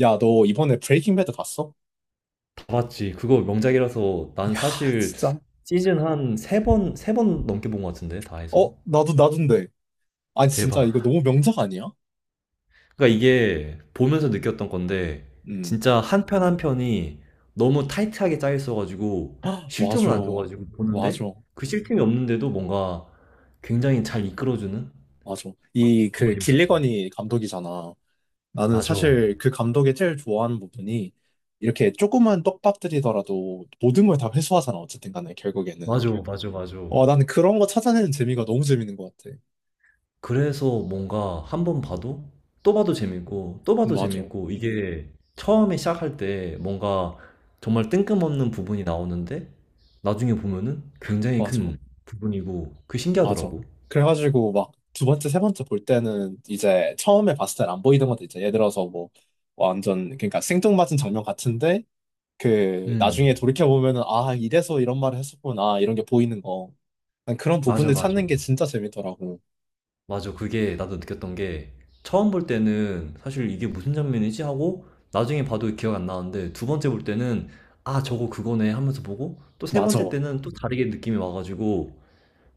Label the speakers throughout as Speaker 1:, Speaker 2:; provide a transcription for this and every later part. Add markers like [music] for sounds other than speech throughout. Speaker 1: 야, 너 이번에 브레이킹 배드 봤어?
Speaker 2: 봤지. 그거 명작이라서 난
Speaker 1: 야,
Speaker 2: 사실
Speaker 1: 진짜.
Speaker 2: 시즌 한 세 번 넘게 본 것 같은데, 다
Speaker 1: 어,
Speaker 2: 해서.
Speaker 1: 나도인데. 아니, 진짜 이거
Speaker 2: 대박.
Speaker 1: 너무 명작 아니야?
Speaker 2: 그러니까 이게 보면서 느꼈던 건데,
Speaker 1: 음.
Speaker 2: 진짜 한 편 한 편이 너무 타이트하게 짜여 있어가지고,
Speaker 1: [gasps] 헉,
Speaker 2: 쉴
Speaker 1: 맞아.
Speaker 2: 틈을 안 줘가지고 보는데,
Speaker 1: 맞아.
Speaker 2: 그 쉴 틈이 없는데도 뭔가 굉장히 잘 이끌어주는?
Speaker 1: 맞아. 이,
Speaker 2: 정말
Speaker 1: 그,
Speaker 2: 재밌었어.
Speaker 1: 길리건이 감독이잖아. 나는
Speaker 2: 맞아.
Speaker 1: 사실 그 감독의 제일 좋아하는 부분이 이렇게 조그만 떡밥들이더라도 모든 걸 다 회수하잖아. 어쨌든 간에, 결국에는.
Speaker 2: 맞아, 맞아, 맞아.
Speaker 1: 와, 나는 그런 거 찾아내는 재미가 너무 재밌는 것 같아.
Speaker 2: 그래서 뭔가 한번 봐도 또 봐도 재밌고 또 봐도
Speaker 1: 맞아.
Speaker 2: 재밌고 이게 처음에 시작할 때 뭔가 정말 뜬금없는 부분이 나오는데 나중에 보면은 굉장히
Speaker 1: 맞아.
Speaker 2: 큰 부분이고 그게
Speaker 1: 맞아.
Speaker 2: 신기하더라고.
Speaker 1: 그래가지고 막 두 번째, 세 번째 볼 때는 이제 처음에 봤을 땐 안 보이던 것도 있잖아. 예를 들어서 뭐 완전 그러니까 생뚱맞은 장면 같은데 그
Speaker 2: 음,
Speaker 1: 나중에 돌이켜 보면은 아 이래서 이런 말을 했었구나 이런 게 보이는 거. 난 그런
Speaker 2: 맞아,
Speaker 1: 부분을
Speaker 2: 맞아.
Speaker 1: 찾는 게 진짜 재밌더라고.
Speaker 2: 맞아. 그게 나도 느꼈던 게 처음 볼 때는 사실 이게 무슨 장면이지 하고 나중에 봐도 기억 안 나는데 두 번째 볼 때는 아, 저거 그거네 하면서 보고 또 세
Speaker 1: 맞아.
Speaker 2: 번째
Speaker 1: 어,
Speaker 2: 때는 또 다르게 느낌이 와가지고,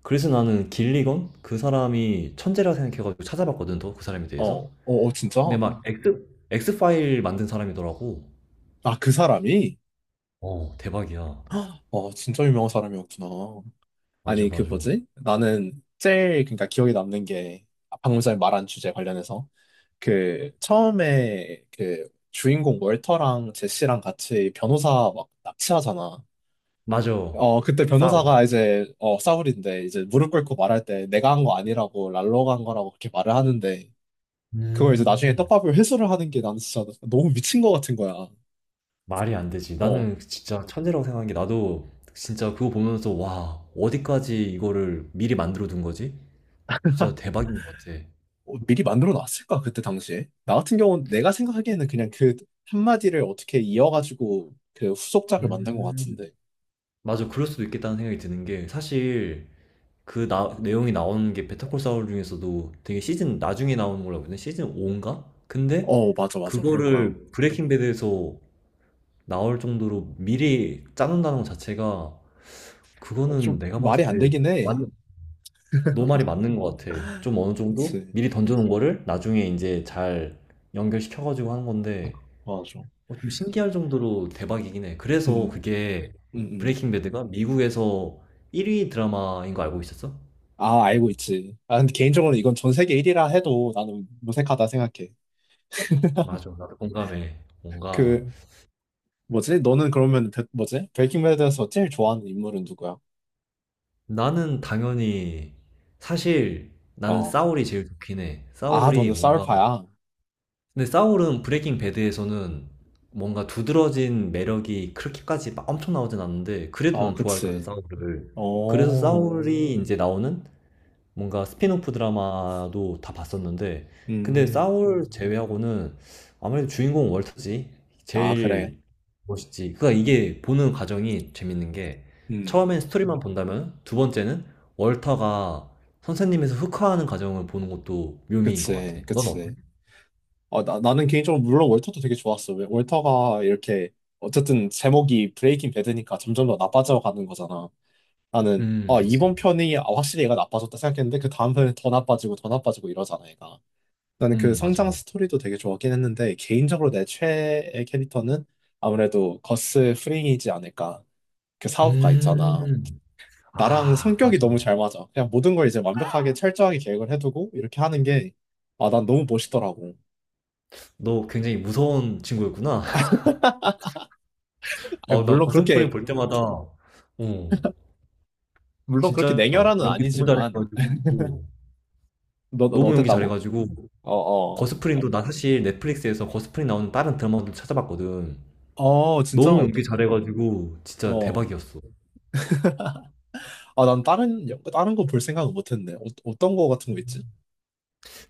Speaker 2: 그래서 나는 길리건 그 사람이 천재라 생각해가지고 찾아봤거든, 더 그 사람에 대해서.
Speaker 1: 어, 어, 진짜?
Speaker 2: 근데 막 엑스 파일 만든 사람이더라고.
Speaker 1: 아, 그 사람이?
Speaker 2: 어, 대박이야.
Speaker 1: 어, 진짜 유명한 사람이었구나.
Speaker 2: 맞아,
Speaker 1: 아니, 그
Speaker 2: 맞아,
Speaker 1: 뭐지? 나는 제일, 그러니까 기억에 남는 게 방금 전에 말한 주제 관련해서 그 처음에 그 주인공 월터랑 제시랑 같이 변호사 막 납치하잖아.
Speaker 2: 맞아.
Speaker 1: 어 그때
Speaker 2: 싸울.
Speaker 1: 변호사가 이제 사울인데 이제 무릎 꿇고 말할 때 내가 한 거 아니라고 랄로가 한 거라고 그렇게 말을 하는데 그걸 이제 나중에
Speaker 2: 음.
Speaker 1: 떡밥을 회수를 하는 게 나는 진짜 너무 미친 거 같은 거야.
Speaker 2: 말이 안 되지.
Speaker 1: 어
Speaker 2: 나는 진짜 천재라고 생각한 게, 나도 진짜 그거 보면서 와, 어디까지 이거를 미리 만들어 둔 거지. 진짜 대박인 것 같아.
Speaker 1: 어, 미리 만들어 놨을까 그때 당시에? 나 같은 경우는 내가 생각하기에는 그냥 그 한마디를 어떻게 이어가지고 그 후속작을 만든 것
Speaker 2: 음,
Speaker 1: 같은데.
Speaker 2: 맞아. 그럴 수도 있겠다는 생각이 드는 게, 사실 내용이 나오는 게 베타콜 사울 중에서도 되게 시즌 나중에 나오는 걸로 알고 있는데, 시즌 5인가? 근데
Speaker 1: 어 맞아 맞아 그럴 거야.
Speaker 2: 그거를 브레이킹 배드에서 나올 정도로 미리 짜놓는다는 것 자체가, 그거는
Speaker 1: 좀
Speaker 2: 내가
Speaker 1: 말이
Speaker 2: 봤을
Speaker 1: 안
Speaker 2: 때
Speaker 1: 되긴
Speaker 2: 맞,
Speaker 1: 해.
Speaker 2: 너 말이 맞는 것 같아. 좀 어느 정도
Speaker 1: 그치.
Speaker 2: 미리 던져놓은 거를 나중에 이제 잘 연결시켜가지고 하는 건데,
Speaker 1: 맞아.
Speaker 2: 어, 좀 신기할 정도로 대박이긴 해. 그래서
Speaker 1: 음,
Speaker 2: 그게,
Speaker 1: 음, 음.
Speaker 2: 브레이킹 배드가 미국에서 1위 드라마인 거 알고 있었어?
Speaker 1: 아, 알고 있지. 아, 근데 개인적으로 이건 전 세계 1위라 해도 나는 무색하다 생각해.
Speaker 2: 맞아, 나도 공감해. 뭔가,
Speaker 1: 그, 뭐지? 너는 그러면, 뭐지? 브레이킹배드에서 제일 좋아하는 인물은 누구야?
Speaker 2: 나는 당연히, 사실 나는
Speaker 1: 어.
Speaker 2: 싸울이 제일 좋긴 해.
Speaker 1: 아,
Speaker 2: 싸울이
Speaker 1: 너는
Speaker 2: 뭔가,
Speaker 1: 사울파야.
Speaker 2: 근데 싸울은 브레이킹 배드에서는 뭔가 두드러진 매력이 그렇게까지 막 엄청 나오진 않는데, 그래도
Speaker 1: 어,
Speaker 2: 난 좋아했거든
Speaker 1: 그치.
Speaker 2: 싸울을. 그래서
Speaker 1: 어,
Speaker 2: 싸울이 이제 나오는 뭔가 스핀오프 드라마도 다 봤었는데, 근데
Speaker 1: 음.
Speaker 2: 사울 제외하고는 아무래도 주인공 월터지.
Speaker 1: 아, 그래.
Speaker 2: 제일 멋있지. 그러니까 이게 보는 과정이 재밌는 게,
Speaker 1: 음,
Speaker 2: 처음엔 스토리만 본다면, 두 번째는 월터가 선생님에서 흑화하는 과정을 보는 것도 묘미인 것 같아.
Speaker 1: 그치,
Speaker 2: 넌 어때?
Speaker 1: 그치. 어, 나는 개인적으로 물론 월터도 되게 좋았어. 왜 월터가 이렇게, 어쨌든 제목이 브레이킹 배드니까 점점 더 나빠져 가는 거잖아. 나는 아
Speaker 2: 그치.
Speaker 1: 이번 편이 아, 확실히 얘가 나빠졌다 생각했는데 그 다음 편이 더 나빠지고 더 나빠지고 이러잖아 얘가 나는 그 성장
Speaker 2: 맞아.
Speaker 1: 스토리도 되게 좋았긴 했는데 개인적으로 내 최애 캐릭터는 아무래도 거스 프링이지 않을까 그 사업가 있잖아
Speaker 2: 음,
Speaker 1: 나랑
Speaker 2: 아,
Speaker 1: 성격이
Speaker 2: 맞아.
Speaker 1: 너무 잘 맞아 그냥 모든 걸 이제 완벽하게 철저하게 계획을 해두고 이렇게 하는 게 아 난 너무 멋있더라고
Speaker 2: 너 굉장히 무서운 친구였구나. [laughs]
Speaker 1: [laughs] 아니,
Speaker 2: 아, 나
Speaker 1: 물론
Speaker 2: 거센 프림
Speaker 1: 그렇게
Speaker 2: 볼 때마다, 어,
Speaker 1: 물론 그렇게
Speaker 2: 진짜
Speaker 1: 냉혈한은
Speaker 2: 연기 너무
Speaker 1: 아니지만
Speaker 2: 잘해가지고,
Speaker 1: 너
Speaker 2: 너무 연기
Speaker 1: 어땠다고?
Speaker 2: 잘해가지고
Speaker 1: 어 어
Speaker 2: 거스프링도, 나 사실 넷플릭스에서 거스프링 나오는 다른 드라마도 찾아봤거든.
Speaker 1: 어, 어. 어, 진짜
Speaker 2: 너무
Speaker 1: 어떠
Speaker 2: 연기 잘해가지고 진짜
Speaker 1: 어
Speaker 2: 대박이었어.
Speaker 1: 아, 난 다른, 다른 거 볼 생각은 못 했네. 어, 어떤 거 같은 거 있지?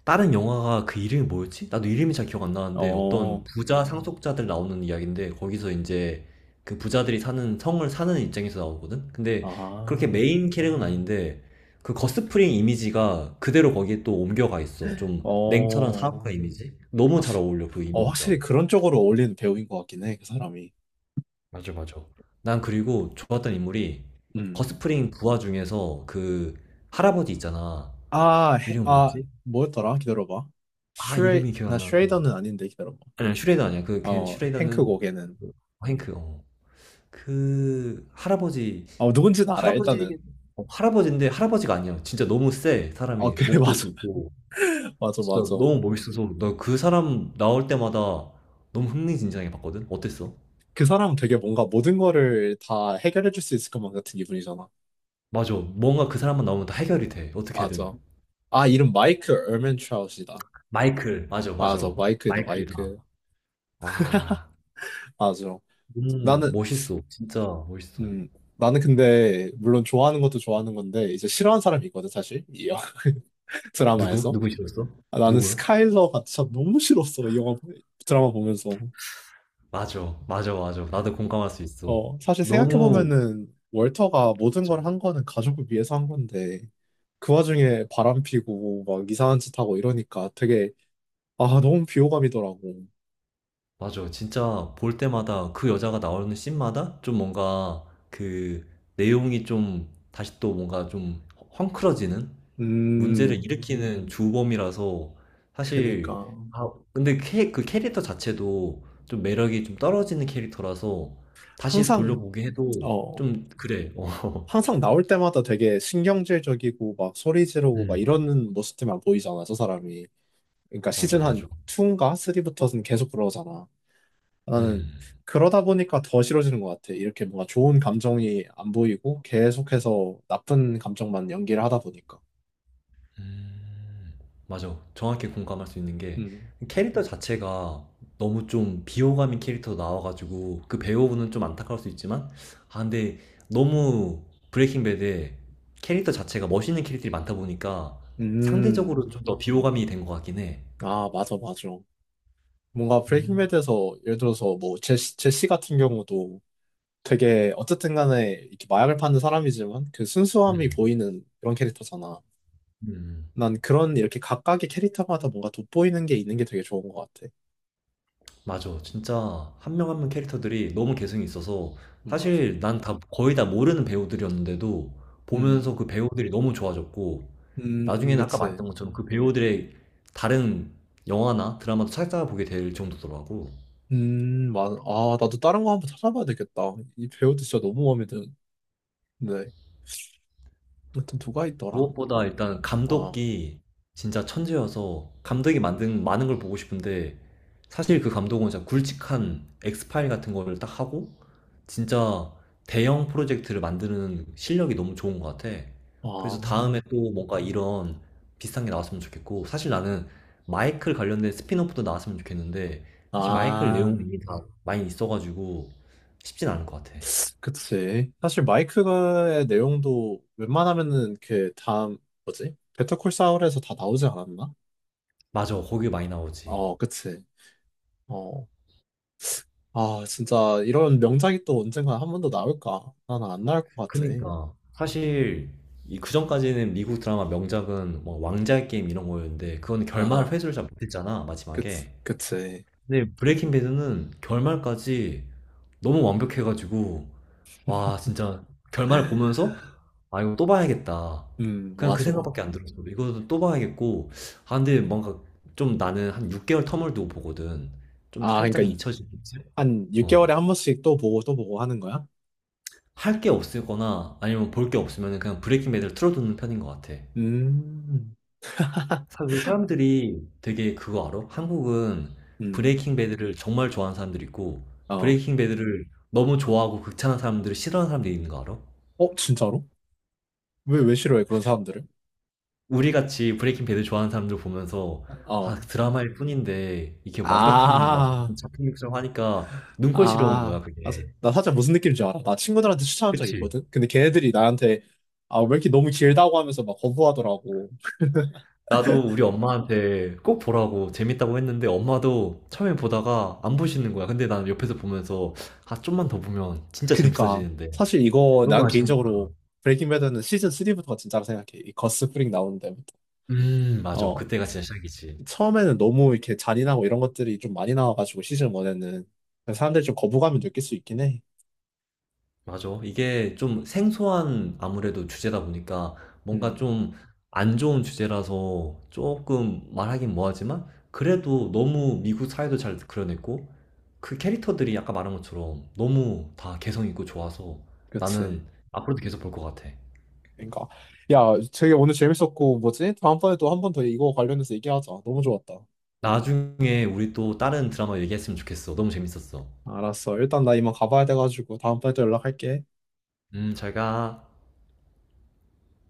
Speaker 2: 다른 영화가, 그 이름이 뭐였지? 나도 이름이 잘 기억 안 나는데, 어떤
Speaker 1: 어,
Speaker 2: 부자 상속자들 나오는 이야기인데 거기서 이제 그 부자들이 사는 성을 사는 입장에서 나오거든. 근데 그렇게
Speaker 1: 아,
Speaker 2: 메인 캐릭은 아닌데, 그 거스프링 이미지가 그대로 거기에 또 옮겨가 있어. 좀 냉철한
Speaker 1: 어,
Speaker 2: 사업가 이미지? 너무 잘
Speaker 1: 확실히,
Speaker 2: 어울려 그
Speaker 1: 어,
Speaker 2: 이미지가.
Speaker 1: 확실히 그런 쪽으로 어울리는 배우인 것 같긴 해, 그 사람이.
Speaker 2: 맞아, 맞아. 난 그리고 좋았던 인물이
Speaker 1: 음,
Speaker 2: 거스프링 부하 중에서 그 할아버지 있잖아.
Speaker 1: 아,
Speaker 2: 이름이
Speaker 1: 아,
Speaker 2: 뭐였지?
Speaker 1: 뭐였더라? 기다려봐.
Speaker 2: 아, 이름이 기억
Speaker 1: 나
Speaker 2: 안 나는데.
Speaker 1: 슈레이더는 아닌데, 기다려봐.
Speaker 2: 아니야, 슈레더 아니야. 그, 걔
Speaker 1: 어, 행크
Speaker 2: 슈레더는,
Speaker 1: 고게는.
Speaker 2: 그 행크, 어. 그 할아버지,
Speaker 1: 어, 누군지는 알아,
Speaker 2: 할아버지,
Speaker 1: 일단은.
Speaker 2: 어, 할아버지인데 할아버지가 아니야. 진짜 너무
Speaker 1: 어,
Speaker 2: 사람이.
Speaker 1: 그래, [laughs]
Speaker 2: 목도
Speaker 1: 맞아.
Speaker 2: 굵고.
Speaker 1: 맞아,
Speaker 2: 진짜
Speaker 1: 맞아.
Speaker 2: 너무 멋있어서, 나 그 사람 나올 때마다 너무 흥미진진하게 봤거든? 어땠어?
Speaker 1: 그 사람 되게 뭔가 모든 거를 다 해결해 줄 수 있을 것만 같은 기분이잖아.
Speaker 2: 맞아. 뭔가 그 사람만 나오면 다 해결이 돼, 어떻게든.
Speaker 1: 맞아. 아, 이름 마이크 얼맨트라웃이다.
Speaker 2: 마이클. 맞아,
Speaker 1: 아
Speaker 2: 맞아.
Speaker 1: 저 마이크이다,
Speaker 2: 마이클이다.
Speaker 1: 마이크.
Speaker 2: 와,
Speaker 1: 맞아.
Speaker 2: 너무
Speaker 1: 나는,
Speaker 2: 멋있어. 진짜 멋있어.
Speaker 1: 음, 나는 근데, 물론 좋아하는 것도 좋아하는 건데, 이제 싫어하는 사람이 있거든, 사실. 이 영화 [laughs]
Speaker 2: 어, 누구?
Speaker 1: 드라마에서.
Speaker 2: 누구 싫었어?
Speaker 1: 아,
Speaker 2: 누
Speaker 1: 나는
Speaker 2: 구
Speaker 1: 스카일러가 진짜 너무 싫었어, 이 영화, 드라마 보면서.
Speaker 2: 맞아, 맞아, 맞아. 나도 공감할 수 있어.
Speaker 1: 어, 사실
Speaker 2: 너무,
Speaker 1: 생각해보면은, 월터가 모든
Speaker 2: 맞아.
Speaker 1: 걸 한 거는 가족을 위해서 한 건데, 그 와중에 바람 피고, 막 이상한 짓 하고 이러니까 되게, 아, 너무 비호감이더라고.
Speaker 2: 맞아. 진짜 볼 때마다 그 여자가 나오는 씬마다 좀 뭔가 그 내용이 좀 다시 또 뭔가 좀 헝클어지는? 문제를
Speaker 1: 음,
Speaker 2: 일으키는 주범이라서. 사실,
Speaker 1: 그니까.
Speaker 2: 아 근데 그 캐릭터 자체도 좀 매력이 좀 떨어지는 캐릭터라서 다시
Speaker 1: 항상,
Speaker 2: 돌려보기 해도
Speaker 1: 어.
Speaker 2: 좀 그래. 어.
Speaker 1: 항상 나올 때마다 되게 신경질적이고 막 소리
Speaker 2: [laughs]
Speaker 1: 지르고 막
Speaker 2: 음.
Speaker 1: 이러는 모습들만 보이잖아, 저 사람이. 그러니까
Speaker 2: 맞아,
Speaker 1: 시즌
Speaker 2: 맞아.
Speaker 1: 한 2인가 3부터는 계속 그러잖아. 나는
Speaker 2: 음.
Speaker 1: 그러다 보니까 더 싫어지는 것 같아. 이렇게 뭔가 좋은 감정이 안 보이고 계속해서 나쁜 감정만 연기를 하다 보니까.
Speaker 2: 음, 맞아. 정확히 공감할 수 있는 게,
Speaker 1: 음.
Speaker 2: 캐릭터 자체가 너무 좀 비호감인 캐릭터 나와가지고 그 배우분은 좀 안타까울 수 있지만, 아 근데 너무 브레이킹 배드에 캐릭터 자체가 멋있는 캐릭터들이 많다 보니까
Speaker 1: 음.
Speaker 2: 상대적으로 좀 더 비호감이 된 것 같긴 해.
Speaker 1: 아, 맞아, 맞아. 뭔가 브레이킹
Speaker 2: 음,
Speaker 1: 배드에서 예를 들어서 뭐 제시 같은 경우도 되게 어쨌든 간에 이렇게 마약을 파는 사람이지만 그 순수함이
Speaker 2: 음,
Speaker 1: 보이는 그런 캐릭터잖아.
Speaker 2: 음.
Speaker 1: 난 그런 이렇게 각각의 캐릭터마다 뭔가 돋보이는 게 있는 게 되게 좋은 것 같아.
Speaker 2: 맞아. 진짜 한명한명 캐릭터들이 너무 개성이 있어서,
Speaker 1: 맞아.
Speaker 2: 사실 난 다 거의 다 모르는 배우들이었는데도 보면서
Speaker 1: 음,
Speaker 2: 그 배우들이 너무 좋아졌고, 나중에는 아까
Speaker 1: 그치.
Speaker 2: 말했던 것처럼 그 배우들의 다른 영화나 드라마도 찾아보게 될 정도더라고.
Speaker 1: 맞아. 아, 나도 다른 거 한번 찾아봐야 되겠다. 이 배우도 진짜 너무 마음에 드는데. 아무튼 누가 있더라?
Speaker 2: 무엇보다 일단
Speaker 1: 어,
Speaker 2: 감독이 진짜 천재여서 감독이 만든 많은 걸 보고 싶은데, 사실 그 감독은 진짜 굵직한 엑스파일 같은 거를 딱 하고 진짜 대형 프로젝트를 만드는 실력이 너무 좋은 것 같아. 그래서
Speaker 1: 아,
Speaker 2: 다음에 또 뭔가 이런 비슷한 게 나왔으면 좋겠고, 사실 나는 마이클 관련된 스핀오프도 나왔으면 좋겠는데, 사실 마이클 내용이
Speaker 1: 아,
Speaker 2: 이미 다 많이 있어가지고 쉽진 않을 것 같아.
Speaker 1: 그치. 사실 마이크의 내용도 웬만하면은 이렇게 다음, 뭐지? 베터콜 사울에서 다 나오지 않았나?
Speaker 2: 맞아, 거기 많이 나오지.
Speaker 1: 어, 그치. 어. 아, 진짜 이런 명작이 또 언젠가 한 번 더 나올까? 나는 안 나올 것 같아.
Speaker 2: 그니까 사실 이 그전까지는 미국 드라마 명작은 뭐 왕자의 게임 이런 거였는데, 그건 결말
Speaker 1: 아,
Speaker 2: 회수를 잘 못했잖아
Speaker 1: 그치,
Speaker 2: 마지막에.
Speaker 1: 그치.
Speaker 2: 근데 브레이킹 배드는 결말까지 너무 완벽해가지고, 와 진짜 결말을
Speaker 1: [laughs]
Speaker 2: 보면서 아 이거 또 봐야겠다 그냥 그
Speaker 1: 맞아.
Speaker 2: 생각밖에 안 들었어. 이거 또 봐야겠고. 아 근데 뭔가 좀, 나는 한 6개월 텀을 두고 보거든. 좀
Speaker 1: 아, 그러니까
Speaker 2: 살짝 잊혀지겠지?
Speaker 1: 한 6개월에
Speaker 2: 어.
Speaker 1: 한 번씩 또 보고 또 보고 하는 거야?
Speaker 2: 할 게 없거나 아니면 볼 게 없으면 그냥 브레이킹 배드를 틀어두는 편인 것 같아.
Speaker 1: 음,
Speaker 2: 사실 사람들이, 되게 그거 알아? 한국은
Speaker 1: 음,
Speaker 2: 브레이킹 배드를 정말 좋아하는 사람들이 있고,
Speaker 1: 어.
Speaker 2: 브레이킹 배드를 너무 좋아하고 극찬하는 사람들을 싫어하는 사람들이 있는 거 알아?
Speaker 1: 어, 진짜로? 왜, 왜 싫어해, 그런 사람들을?
Speaker 2: 우리 같이 브레이킹 배드 좋아하는 사람들 보면서 아
Speaker 1: 어.
Speaker 2: 드라마일 뿐인데 이렇게 완벽한 막
Speaker 1: 아,
Speaker 2: 작품 육성 하니까 눈꼴 싫어온
Speaker 1: 아.
Speaker 2: 거야 그게.
Speaker 1: 나 살짝 무슨 느낌인지 알아. 나 친구들한테 추천한 적
Speaker 2: 그치?
Speaker 1: 있거든? 근데 걔네들이 나한테, 아, 왜 이렇게 너무 길다고 하면서 막 거부하더라고.
Speaker 2: 나도 우리 엄마한테 꼭 보라고 재밌다고 했는데, 엄마도 처음에 보다가 안 보시는 거야. 근데 난 옆에서 보면서 아 좀만 더 보면 진짜
Speaker 1: 그니까.
Speaker 2: 재밌어지는데.
Speaker 1: 사실 이거
Speaker 2: 너무
Speaker 1: 난
Speaker 2: 아쉬운.
Speaker 1: 개인적으로 브레이킹 배드는 시즌 3부터가 진짜로 생각해. 이 거스 프링 나오는 데부터.
Speaker 2: 음, 맞아.
Speaker 1: 어
Speaker 2: 그때가 진짜 시작이지.
Speaker 1: 처음에는 너무 이렇게 잔인하고 이런 것들이 좀 많이 나와가지고 시즌 원에는 사람들이 좀 거부감을 느낄 수 있긴 해.
Speaker 2: 맞아. 이게 좀 생소한 아무래도 주제다 보니까 뭔가
Speaker 1: 음,
Speaker 2: 좀 안 좋은 주제라서 조금 말하긴 뭐하지만, 그래도 너무 미국 사회도 잘 그려냈고 그 캐릭터들이 아까 말한 것처럼 너무 다 개성 있고 좋아서
Speaker 1: 그치.
Speaker 2: 나는 앞으로도 계속 볼 것 같아.
Speaker 1: 그러니까 야, 되게 오늘 재밌었고 뭐지? 다음번에 또 한 번 더 이거 관련해서 얘기하자. 너무 좋았다.
Speaker 2: 나중에 우리 또 다른 드라마 얘기했으면 좋겠어. 너무 재밌었어.
Speaker 1: 알았어. 일단 나 이만 가봐야 돼가지고 다음번에 또 연락할게.
Speaker 2: 잘 가.